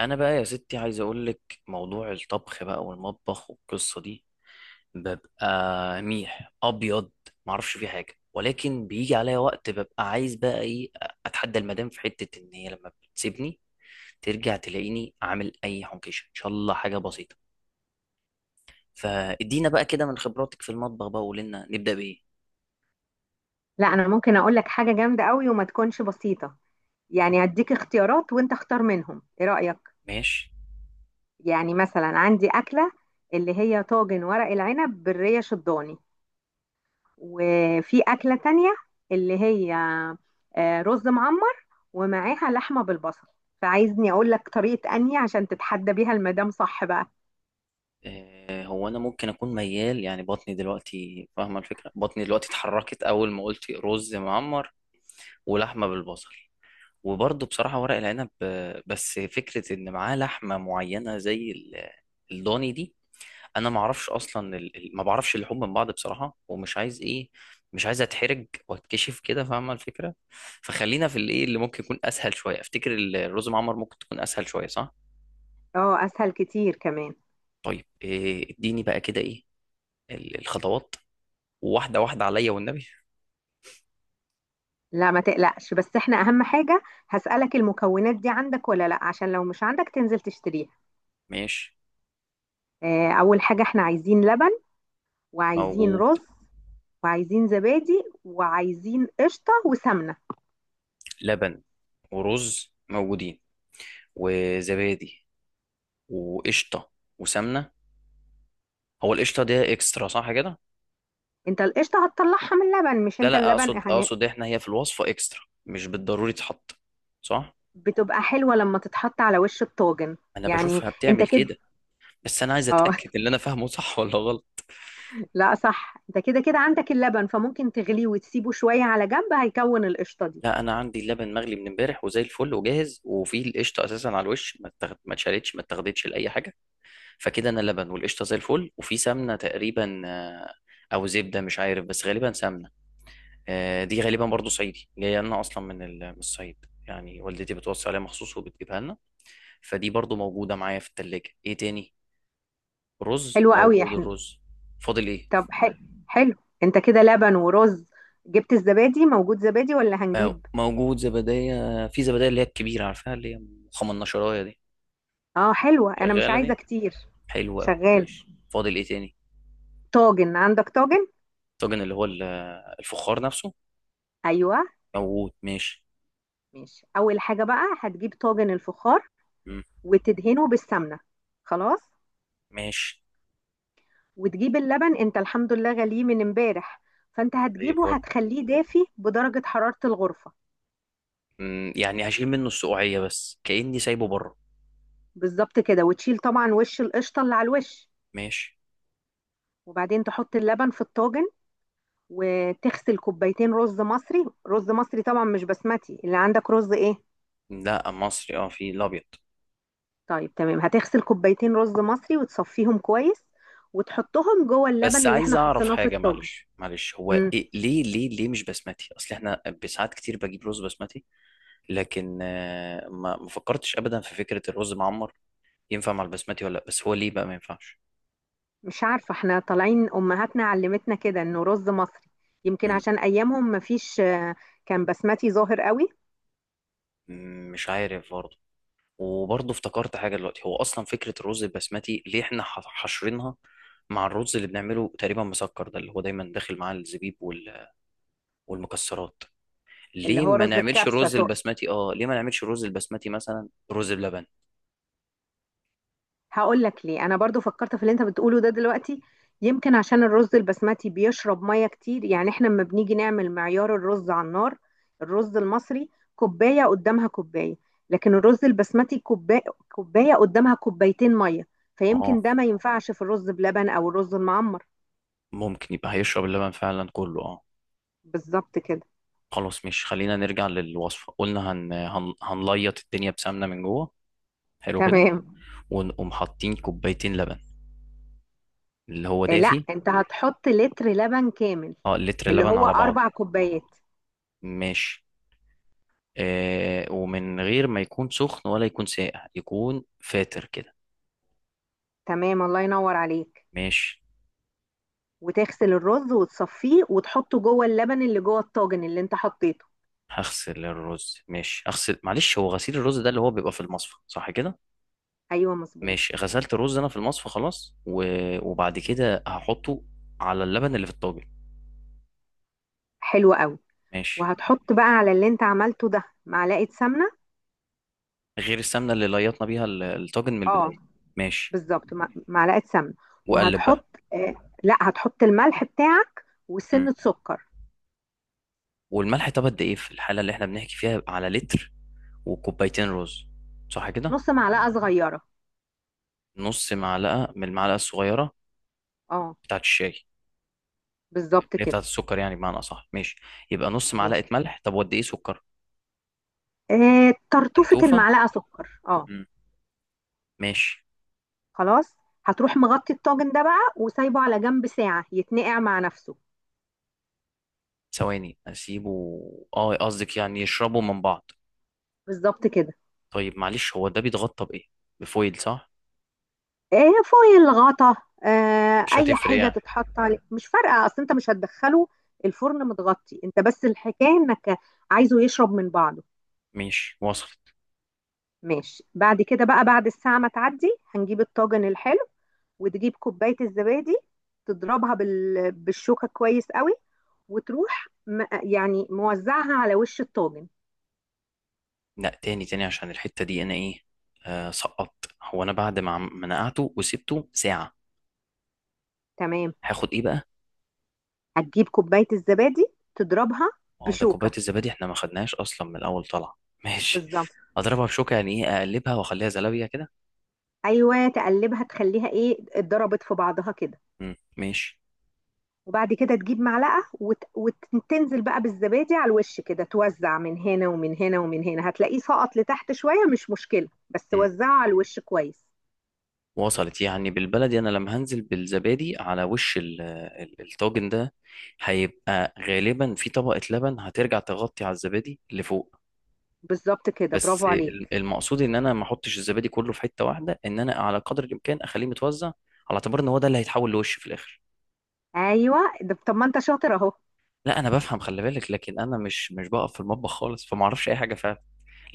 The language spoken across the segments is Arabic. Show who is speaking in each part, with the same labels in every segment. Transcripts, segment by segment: Speaker 1: انا بقى يا ستي عايز اقول لك موضوع الطبخ بقى والمطبخ والقصه دي ببقى ميح ابيض. ما اعرفش فيه حاجه، ولكن بيجي عليا وقت ببقى عايز بقى ايه، اتحدى المدام في حته. ان هي لما بتسيبني ترجع تلاقيني عامل اي حنكشه، ان شاء الله حاجه بسيطه. فادينا بقى كده من خبراتك في المطبخ بقى وقولي لنا نبدا بايه.
Speaker 2: لا، انا ممكن اقول لك حاجه جامده قوي وما تكونش بسيطه. يعني هديك اختيارات وانت اختار منهم، ايه رايك؟
Speaker 1: ماشي.
Speaker 2: يعني مثلا عندي اكله اللي هي طاجن ورق العنب بالريه شضاني، وفي اكله تانية اللي هي رز معمر ومعاها لحمه بالبصل. فعايزني اقول لك طريقه اني عشان تتحدى بيها المدام، صح بقى؟
Speaker 1: هو انا ممكن اكون ميال، يعني بطني دلوقتي فاهمه الفكره، بطني دلوقتي اتحركت اول ما قلت رز معمر ولحمه بالبصل. وبرضه بصراحة ورق العنب بس فكرة إن معاه لحمة معينة زي الضاني دي. أنا ما أعرفش أصلا، ما بعرفش اللحوم من بعض بصراحة، ومش عايز إيه، مش عايز أتحرج وأتكشف كده، فاهمة الفكرة؟ فخلينا في الإيه اللي ممكن يكون أسهل شوية. أفتكر الرز معمر ممكن تكون أسهل شوية، صح؟
Speaker 2: اه، اسهل كتير كمان.
Speaker 1: طيب إيه، إديني بقى كده إيه الخطوات واحدة واحدة عليا والنبي.
Speaker 2: لا ما تقلقش، بس احنا اهم حاجه هسالك المكونات دي عندك ولا لا، عشان لو مش عندك تنزل تشتريها.
Speaker 1: ماشي،
Speaker 2: أول حاجة احنا عايزين لبن، وعايزين
Speaker 1: موجود.
Speaker 2: رز، وعايزين زبادي، وعايزين قشطة وسمنة.
Speaker 1: لبن ورز موجودين، وزبادي وقشطة وسمنة. هو القشطة دي اكسترا صح كده؟
Speaker 2: انت القشطة هتطلعها من اللبن، مش
Speaker 1: لا
Speaker 2: انت
Speaker 1: لا،
Speaker 2: اللبن
Speaker 1: اقصد
Speaker 2: هن-
Speaker 1: اقصد احنا هي في الوصفة اكسترا، مش بالضروري تتحط، صح؟
Speaker 2: بتبقى حلوة لما تتحط على وش الطاجن،
Speaker 1: انا
Speaker 2: يعني
Speaker 1: بشوفها
Speaker 2: انت
Speaker 1: بتعمل
Speaker 2: كده.
Speaker 1: كده. بس انا عايز
Speaker 2: اه
Speaker 1: اتاكد اللي انا فاهمه صح ولا غلط.
Speaker 2: لا صح، انت كده كده عندك اللبن، فممكن تغليه وتسيبه شوية على جنب، هيكون القشطة دي.
Speaker 1: لا انا عندي اللبن مغلي من امبارح وزي الفل وجاهز، وفي القشطه اساسا على الوش، ما اتشالتش، ما اتاخدتش لاي حاجه. فكده انا لبن والقشطه زي الفل، وفي سمنه تقريبا او زبده مش عارف، بس غالبا سمنه. دي غالبا برضو صعيدي، جايه لنا اصلا من من الصعيد، يعني والدتي بتوصي عليها مخصوص وبتجيبها لنا. فدي برضو موجودة معايا في التلاجة. ايه تاني؟ رز
Speaker 2: حلوة قوي
Speaker 1: موجود
Speaker 2: احنا.
Speaker 1: الرز. فاضل ايه؟
Speaker 2: طب حلو، حلو، انت كده لبن ورز. جبت الزبادي؟ موجود زبادي ولا هنجيب؟
Speaker 1: موجود زبدية. في زبدية اللي هي الكبيرة، عارفها؟ اللي هي خمناشراية دي،
Speaker 2: اه حلوة، انا مش
Speaker 1: شغالة
Speaker 2: عايزة
Speaker 1: دي،
Speaker 2: كتير.
Speaker 1: حلوة أوي.
Speaker 2: شغال.
Speaker 1: ماشي، فاضل ايه تاني؟
Speaker 2: طاجن، عندك طاجن؟
Speaker 1: الطاجن اللي هو الفخار نفسه،
Speaker 2: ايوه
Speaker 1: موجود. ماشي.
Speaker 2: ماشي. اول حاجه بقى هتجيب طاجن الفخار
Speaker 1: مم.
Speaker 2: وتدهنه بالسمنه، خلاص.
Speaker 1: ماشي،
Speaker 2: وتجيب اللبن، انت الحمد لله غليه من امبارح، فانت
Speaker 1: زي
Speaker 2: هتجيبه،
Speaker 1: الفل.
Speaker 2: هتخليه دافي بدرجه حراره الغرفه.
Speaker 1: مم، يعني هشيل منه السقوعية، بس كأني سايبه بره.
Speaker 2: بالظبط كده، وتشيل طبعا وش القشطه اللي على الوش،
Speaker 1: ماشي.
Speaker 2: وبعدين تحط اللبن في الطاجن، وتغسل كوبايتين رز مصري. رز مصري طبعا مش بسمتي. اللي عندك رز ايه؟
Speaker 1: لا مصري، اه في الأبيض.
Speaker 2: طيب تمام، هتغسل كوبايتين رز مصري وتصفيهم كويس، وتحطهم جوه
Speaker 1: بس
Speaker 2: اللبن اللي
Speaker 1: عايز
Speaker 2: احنا
Speaker 1: اعرف
Speaker 2: حطيناه في
Speaker 1: حاجه،
Speaker 2: الطاجن.
Speaker 1: معلش معلش، هو
Speaker 2: مم.
Speaker 1: إيه ليه ليه ليه مش بسمتي؟ اصل احنا بساعات كتير بجيب رز بسمتي، لكن ما فكرتش ابدا في فكره الرز معمر. ينفع مع البسمتي ولا لا؟ بس هو ليه بقى ما ينفعش؟
Speaker 2: مش عارفة، احنا طالعين أمهاتنا علمتنا كده إنه رز مصري. يمكن
Speaker 1: مم.
Speaker 2: عشان أيامهم مفيش كان بسمتي ظاهر قوي.
Speaker 1: مم، مش عارف برضه. وبرضه افتكرت حاجه دلوقتي، هو اصلا فكره الرز البسمتي ليه احنا حاشرينها مع الرز اللي بنعمله تقريبا مسكر، ده اللي هو دايما داخل معاه الزبيب والمكسرات.
Speaker 2: اللي
Speaker 1: ليه
Speaker 2: هو
Speaker 1: ما
Speaker 2: رز
Speaker 1: نعملش
Speaker 2: الكبسة
Speaker 1: الرز
Speaker 2: تقصد؟
Speaker 1: البسمتي؟ اه ليه ما نعملش الرز البسمتي مثلا رز بلبن؟
Speaker 2: هقول لك ليه. أنا برضو فكرت في اللي أنت بتقوله ده دلوقتي. يمكن عشان الرز البسمتي بيشرب مية كتير. يعني احنا لما بنيجي نعمل معيار الرز على النار، الرز المصري كوباية قدامها كوباية، لكن الرز البسمتي كوباية، كوباية قدامها كوبايتين مية.
Speaker 1: آه.
Speaker 2: فيمكن ده ما ينفعش في الرز بلبن أو الرز المعمر.
Speaker 1: ممكن يبقى هيشرب اللبن فعلا كله، اه.
Speaker 2: بالظبط كده.
Speaker 1: خلاص، مش خلينا نرجع للوصفة. قلنا هنليط الدنيا بسمنة من جوه، حلو كده.
Speaker 2: تمام،
Speaker 1: ونقوم حاطين كوبايتين لبن، اللي هو
Speaker 2: لا،
Speaker 1: دافي.
Speaker 2: انت هتحط لتر لبن كامل،
Speaker 1: اه لتر
Speaker 2: اللي
Speaker 1: لبن
Speaker 2: هو
Speaker 1: على بعضه.
Speaker 2: اربع كوبايات.
Speaker 1: ماشي. آه ومن غير ما يكون سخن ولا يكون ساقع، يكون فاتر كده.
Speaker 2: تمام الله ينور عليك.
Speaker 1: ماشي.
Speaker 2: وتغسل الرز وتصفيه وتحطه جوه اللبن اللي جوه الطاجن اللي انت حطيته.
Speaker 1: هغسل الرز. ماشي، اغسل. معلش، هو غسيل الرز ده اللي هو بيبقى في المصفى، صح كده؟
Speaker 2: ايوه مظبوط.
Speaker 1: ماشي. غسلت الرز انا في المصفى خلاص، و... وبعد كده هحطه على اللبن اللي في الطاجن.
Speaker 2: حلو قوي.
Speaker 1: ماشي.
Speaker 2: وهتحط بقى على اللي انت عملته ده معلقه سمنه.
Speaker 1: غير السمنه اللي ليطنا بيها الطاجن من
Speaker 2: اه،
Speaker 1: البدايه. ماشي.
Speaker 2: بالظبط، معلقه سمنه.
Speaker 1: وقلب بقى.
Speaker 2: وهتحط لا، هتحط الملح بتاعك
Speaker 1: مم.
Speaker 2: وسنه سكر.
Speaker 1: والملح، طب قد ايه في الحاله اللي احنا بنحكي فيها على لتر وكوبايتين رز، صح كده؟
Speaker 2: نص معلقه صغيره.
Speaker 1: نص معلقه من المعلقه الصغيره،
Speaker 2: اه،
Speaker 1: بتاعه الشاي، اللي
Speaker 2: بالظبط
Speaker 1: هي بتاعه
Speaker 2: كده.
Speaker 1: السكر يعني، بمعنى اصح. ماشي، يبقى نص
Speaker 2: ماشي.
Speaker 1: معلقه ملح. طب وقد ايه سكر؟
Speaker 2: آه، طرطوفه
Speaker 1: تنتوفه.
Speaker 2: المعلقه سكر، اه.
Speaker 1: مم. ماشي.
Speaker 2: خلاص، هتروح مغطي الطاجن ده بقى وسايبه على جنب ساعة يتنقع مع نفسه.
Speaker 1: ثواني، اسيبه. اه قصدك يعني يشربوا من بعض.
Speaker 2: بالظبط كده.
Speaker 1: طيب معلش، هو ده بيتغطى بايه؟ بفويل صح؟
Speaker 2: ايه، فويل، غطا، آه،
Speaker 1: مش
Speaker 2: اي
Speaker 1: هتفرق
Speaker 2: حاجة
Speaker 1: يعني.
Speaker 2: تتحط عليه مش فارقة، اصل انت مش هتدخله الفرن. متغطي انت بس، الحكاية انك عايزه يشرب من بعضه.
Speaker 1: ماشي، وصل.
Speaker 2: ماشي، بعد كده بقى، بعد الساعة ما تعدي، هنجيب الطاجن الحلو، وتجيب كوباية الزبادي تضربها بالشوكة كويس قوي، وتروح يعني موزعها على وش الطاجن.
Speaker 1: لا تاني تاني، عشان الحتة دي انا ايه، آه سقطت. هو انا بعد ما ما نقعته وسبته ساعة
Speaker 2: تمام،
Speaker 1: هاخد ايه بقى؟
Speaker 2: هتجيب كوباية الزبادي، تضربها
Speaker 1: اه ده كوباية
Speaker 2: بشوكة.
Speaker 1: الزبادي احنا ما خدناهاش اصلا من الاول، طلع. ماشي.
Speaker 2: بالظبط.
Speaker 1: اضربها بشوكة يعني ايه؟ اقلبها واخليها زلابية كده؟
Speaker 2: أيوة تقلبها تخليها إيه، اتضربت في بعضها كده،
Speaker 1: مم، ماشي.
Speaker 2: وبعد كده تجيب معلقة. وتنزل بقى بالزبادي على الوش كده، توزع من هنا ومن هنا ومن هنا. هتلاقيه سقط لتحت شوية، مش مشكلة، بس
Speaker 1: مم.
Speaker 2: وزعه على الوش كويس.
Speaker 1: وصلت، يعني بالبلدي انا لما هنزل بالزبادي على وش الطاجن ده، هيبقى غالبا في طبقة لبن هترجع تغطي على الزبادي لفوق.
Speaker 2: بالظبط كده
Speaker 1: بس
Speaker 2: برافو عليك.
Speaker 1: المقصود ان انا ما احطش الزبادي كله في حته واحده، ان انا على قدر الامكان اخليه متوزع، على اعتبار ان هو ده اللي هيتحول لوش في الاخر.
Speaker 2: أيوة ده، طب ما أنت شاطر أهو.
Speaker 1: لا انا بفهم، خلي بالك، لكن انا مش بقف في المطبخ خالص فما اعرفش اي حاجه فعلا.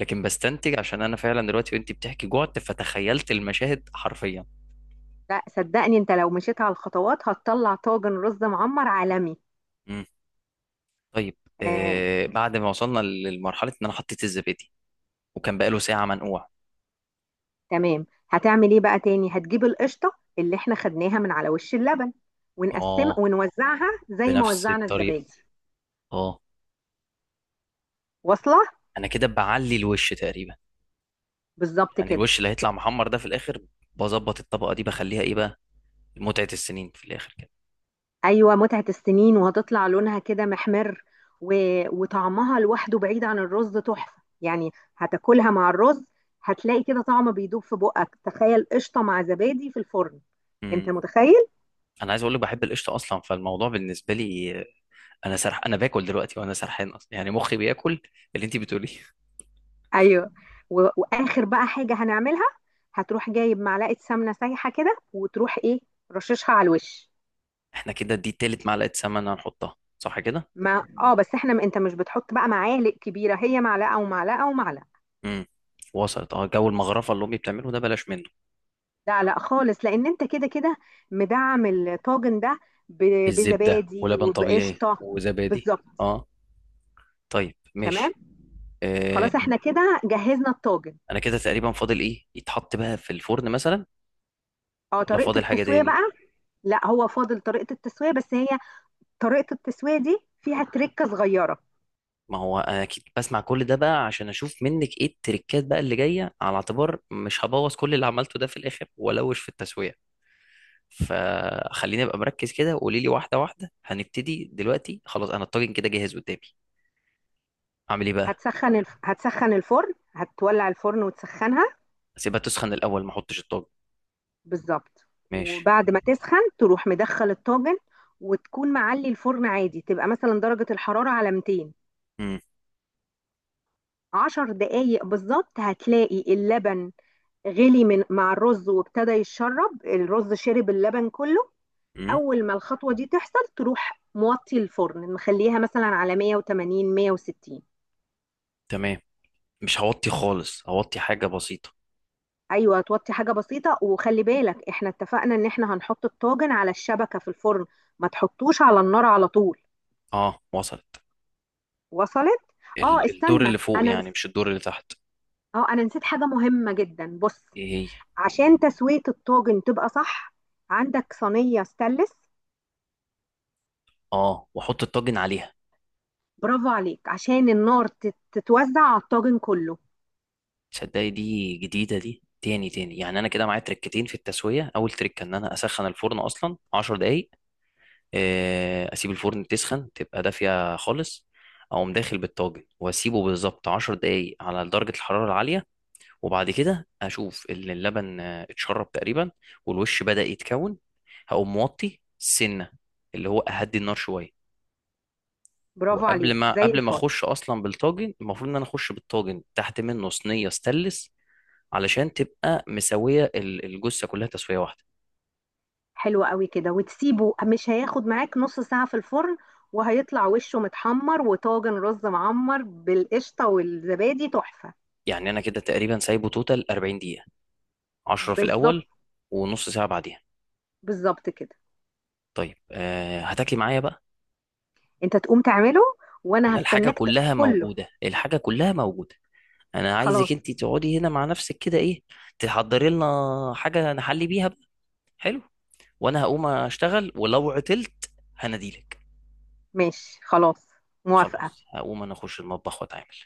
Speaker 1: لكن بستنتج، عشان انا فعلا دلوقتي وانت بتحكي جوعت، فتخيلت المشاهد حرفيا.
Speaker 2: لا صدقني أنت لو مشيت على الخطوات هتطلع طاجن رز معمر عالمي.
Speaker 1: مم. طيب
Speaker 2: آه،
Speaker 1: آه، بعد ما وصلنا للمرحله ان انا حطيت الزبادي وكان بقاله ساعه منقوع.
Speaker 2: تمام، هتعمل ايه بقى تاني؟ هتجيب القشطة اللي احنا خدناها من على وش اللبن، ونقسم
Speaker 1: اه،
Speaker 2: ونوزعها زي ما
Speaker 1: بنفس
Speaker 2: وزعنا
Speaker 1: الطريقه.
Speaker 2: الزبادي.
Speaker 1: اه،
Speaker 2: واصلة.
Speaker 1: انا كده بعلي الوش تقريبا.
Speaker 2: بالظبط
Speaker 1: يعني
Speaker 2: كده.
Speaker 1: الوش اللي هيطلع محمر ده في الاخر، بظبط الطبقه دي، بخليها ايه بقى، متعه السنين في الاخر كده.
Speaker 2: ايوه متعة السنين، وهتطلع لونها كده محمر و... وطعمها لوحده بعيد عن الرز تحفة يعني. هتاكلها مع الرز هتلاقي كده طعم بيدوب في بقك. تخيل قشطة مع زبادي في الفرن. انت
Speaker 1: امم.
Speaker 2: متخيل؟
Speaker 1: انا عايز اقول لك، بحب القشطه اصلا فالموضوع بالنسبه لي انا سرح، انا باكل دلوقتي وانا سرحان اصلا، يعني مخي بياكل اللي انت بتقوليه.
Speaker 2: ايوه. واخر بقى حاجه هنعملها، هتروح جايب معلقه سمنه سايحه كده وتروح ايه، رششها على الوش.
Speaker 1: احنا كده دي تالت معلقه سمنه هنحطها، صح كده؟
Speaker 2: ما اه، بس احنا انت مش بتحط بقى معالق كبيره، هي معلقه ومعلقه ومعلقه.
Speaker 1: امم، وصلت. اه جو المغرفه اللي امي بتعمله ده بلاش منه.
Speaker 2: لا لا خالص، لان انت كده كده مدعم الطاجن ده ب...
Speaker 1: الزبده
Speaker 2: بزبادي
Speaker 1: ولبن طبيعي
Speaker 2: وبقشطه.
Speaker 1: وزبادي.
Speaker 2: بالظبط.
Speaker 1: اه. طيب،
Speaker 2: تمام.
Speaker 1: ماشي. آه،
Speaker 2: خلاص احنا كده جهزنا الطاجن.
Speaker 1: انا كده تقريبا فاضل ايه؟ يتحط بقى في الفرن مثلا
Speaker 2: اه،
Speaker 1: ولا
Speaker 2: طريقه
Speaker 1: فاضل حاجه
Speaker 2: التسويه
Speaker 1: تاني؟
Speaker 2: بقى. لا هو فاضل طريقه التسويه، بس هي طريقه التسويه دي فيها تركه صغيره.
Speaker 1: ما هو انا اكيد بسمع كل ده بقى عشان اشوف منك ايه التريكات بقى اللي جايه، على اعتبار مش هبوظ كل اللي عملته ده في الاخر والوش في التسويق. فخليني ابقى مركز كده وقولي لي واحده واحده. هنبتدي دلوقتي خلاص، انا الطاجن كده جاهز قدامي، اعمل ايه بقى؟
Speaker 2: هتسخن الفرن، هتولع الفرن وتسخنها.
Speaker 1: اسيبها تسخن الاول ما احطش الطاجن.
Speaker 2: بالظبط.
Speaker 1: ماشي.
Speaker 2: وبعد ما تسخن تروح مدخل الطاجن، وتكون معلي الفرن عادي، تبقى مثلا درجة الحرارة على 200.
Speaker 1: امم.
Speaker 2: 10 دقايق بالظبط هتلاقي اللبن غلي من مع الرز، وابتدى يتشرب الرز شرب اللبن كله.
Speaker 1: امم.
Speaker 2: اول ما الخطوة دي تحصل تروح موطي الفرن، مخليها مثلا على 180 160.
Speaker 1: تمام. مش هوطي خالص، هوطي حاجه بسيطه.
Speaker 2: ايوه توطي حاجه بسيطه. وخلي بالك احنا اتفقنا ان احنا هنحط الطاجن على الشبكه في الفرن، ما تحطوش على النار على طول.
Speaker 1: اه وصلت.
Speaker 2: وصلت. اه،
Speaker 1: الدور
Speaker 2: استنى،
Speaker 1: اللي فوق
Speaker 2: انا نس...
Speaker 1: يعني مش الدور اللي تحت.
Speaker 2: اه انا نسيت حاجه مهمه جدا. بص،
Speaker 1: ايه هي؟
Speaker 2: عشان تسويه الطاجن تبقى صح، عندك صينيه ستانلس.
Speaker 1: اه، واحط الطاجن عليها.
Speaker 2: برافو عليك، عشان النار تتوزع على الطاجن كله.
Speaker 1: تصدقي دي جديدة. دي تاني تاني يعني، أنا كده معايا تركتين في التسوية. أول تركة إن أنا أسخن الفرن أصلا عشر دقايق، أسيب الفرن تسخن تبقى دافية خالص، أقوم داخل بالطاجن وأسيبه بالظبط عشر دقايق على درجة الحرارة العالية، وبعد كده أشوف إن اللبن اتشرب تقريبا والوش بدأ يتكون، هقوم موطي سنة، اللي هو أهدي النار شوية.
Speaker 2: برافو
Speaker 1: وقبل
Speaker 2: عليك
Speaker 1: ما
Speaker 2: زي
Speaker 1: قبل ما
Speaker 2: الفل.
Speaker 1: اخش اصلا بالطاجن، المفروض ان انا اخش بالطاجن تحت منه صينيه ستانلس، علشان تبقى مسويه الجثه كلها تسويه واحده.
Speaker 2: حلو قوي كده، وتسيبه مش هياخد معاك نص ساعة في الفرن، وهيطلع وشه متحمر، وطاجن رز معمر بالقشطة والزبادي تحفة.
Speaker 1: يعني انا كده تقريبا سايبه توتال 40 دقيقه، 10 في
Speaker 2: بالظبط.
Speaker 1: الاول ونص ساعه بعديها.
Speaker 2: بالظبط كده.
Speaker 1: طيب أه، هتاكلي معايا بقى؟
Speaker 2: انت تقوم تعمله، وانا
Speaker 1: انا الحاجه
Speaker 2: هستناك
Speaker 1: كلها
Speaker 2: كله.
Speaker 1: موجوده، الحاجه كلها موجوده. انا عايزك
Speaker 2: خلاص.
Speaker 1: انت تقعدي هنا مع نفسك كده، ايه، تحضري لنا حاجه نحلي بيها بقى، حلو. وانا هقوم اشتغل، ولو عطلت هناديلك.
Speaker 2: ماشي خلاص. موافقة.
Speaker 1: خلاص هقوم انا اخش المطبخ واتعامل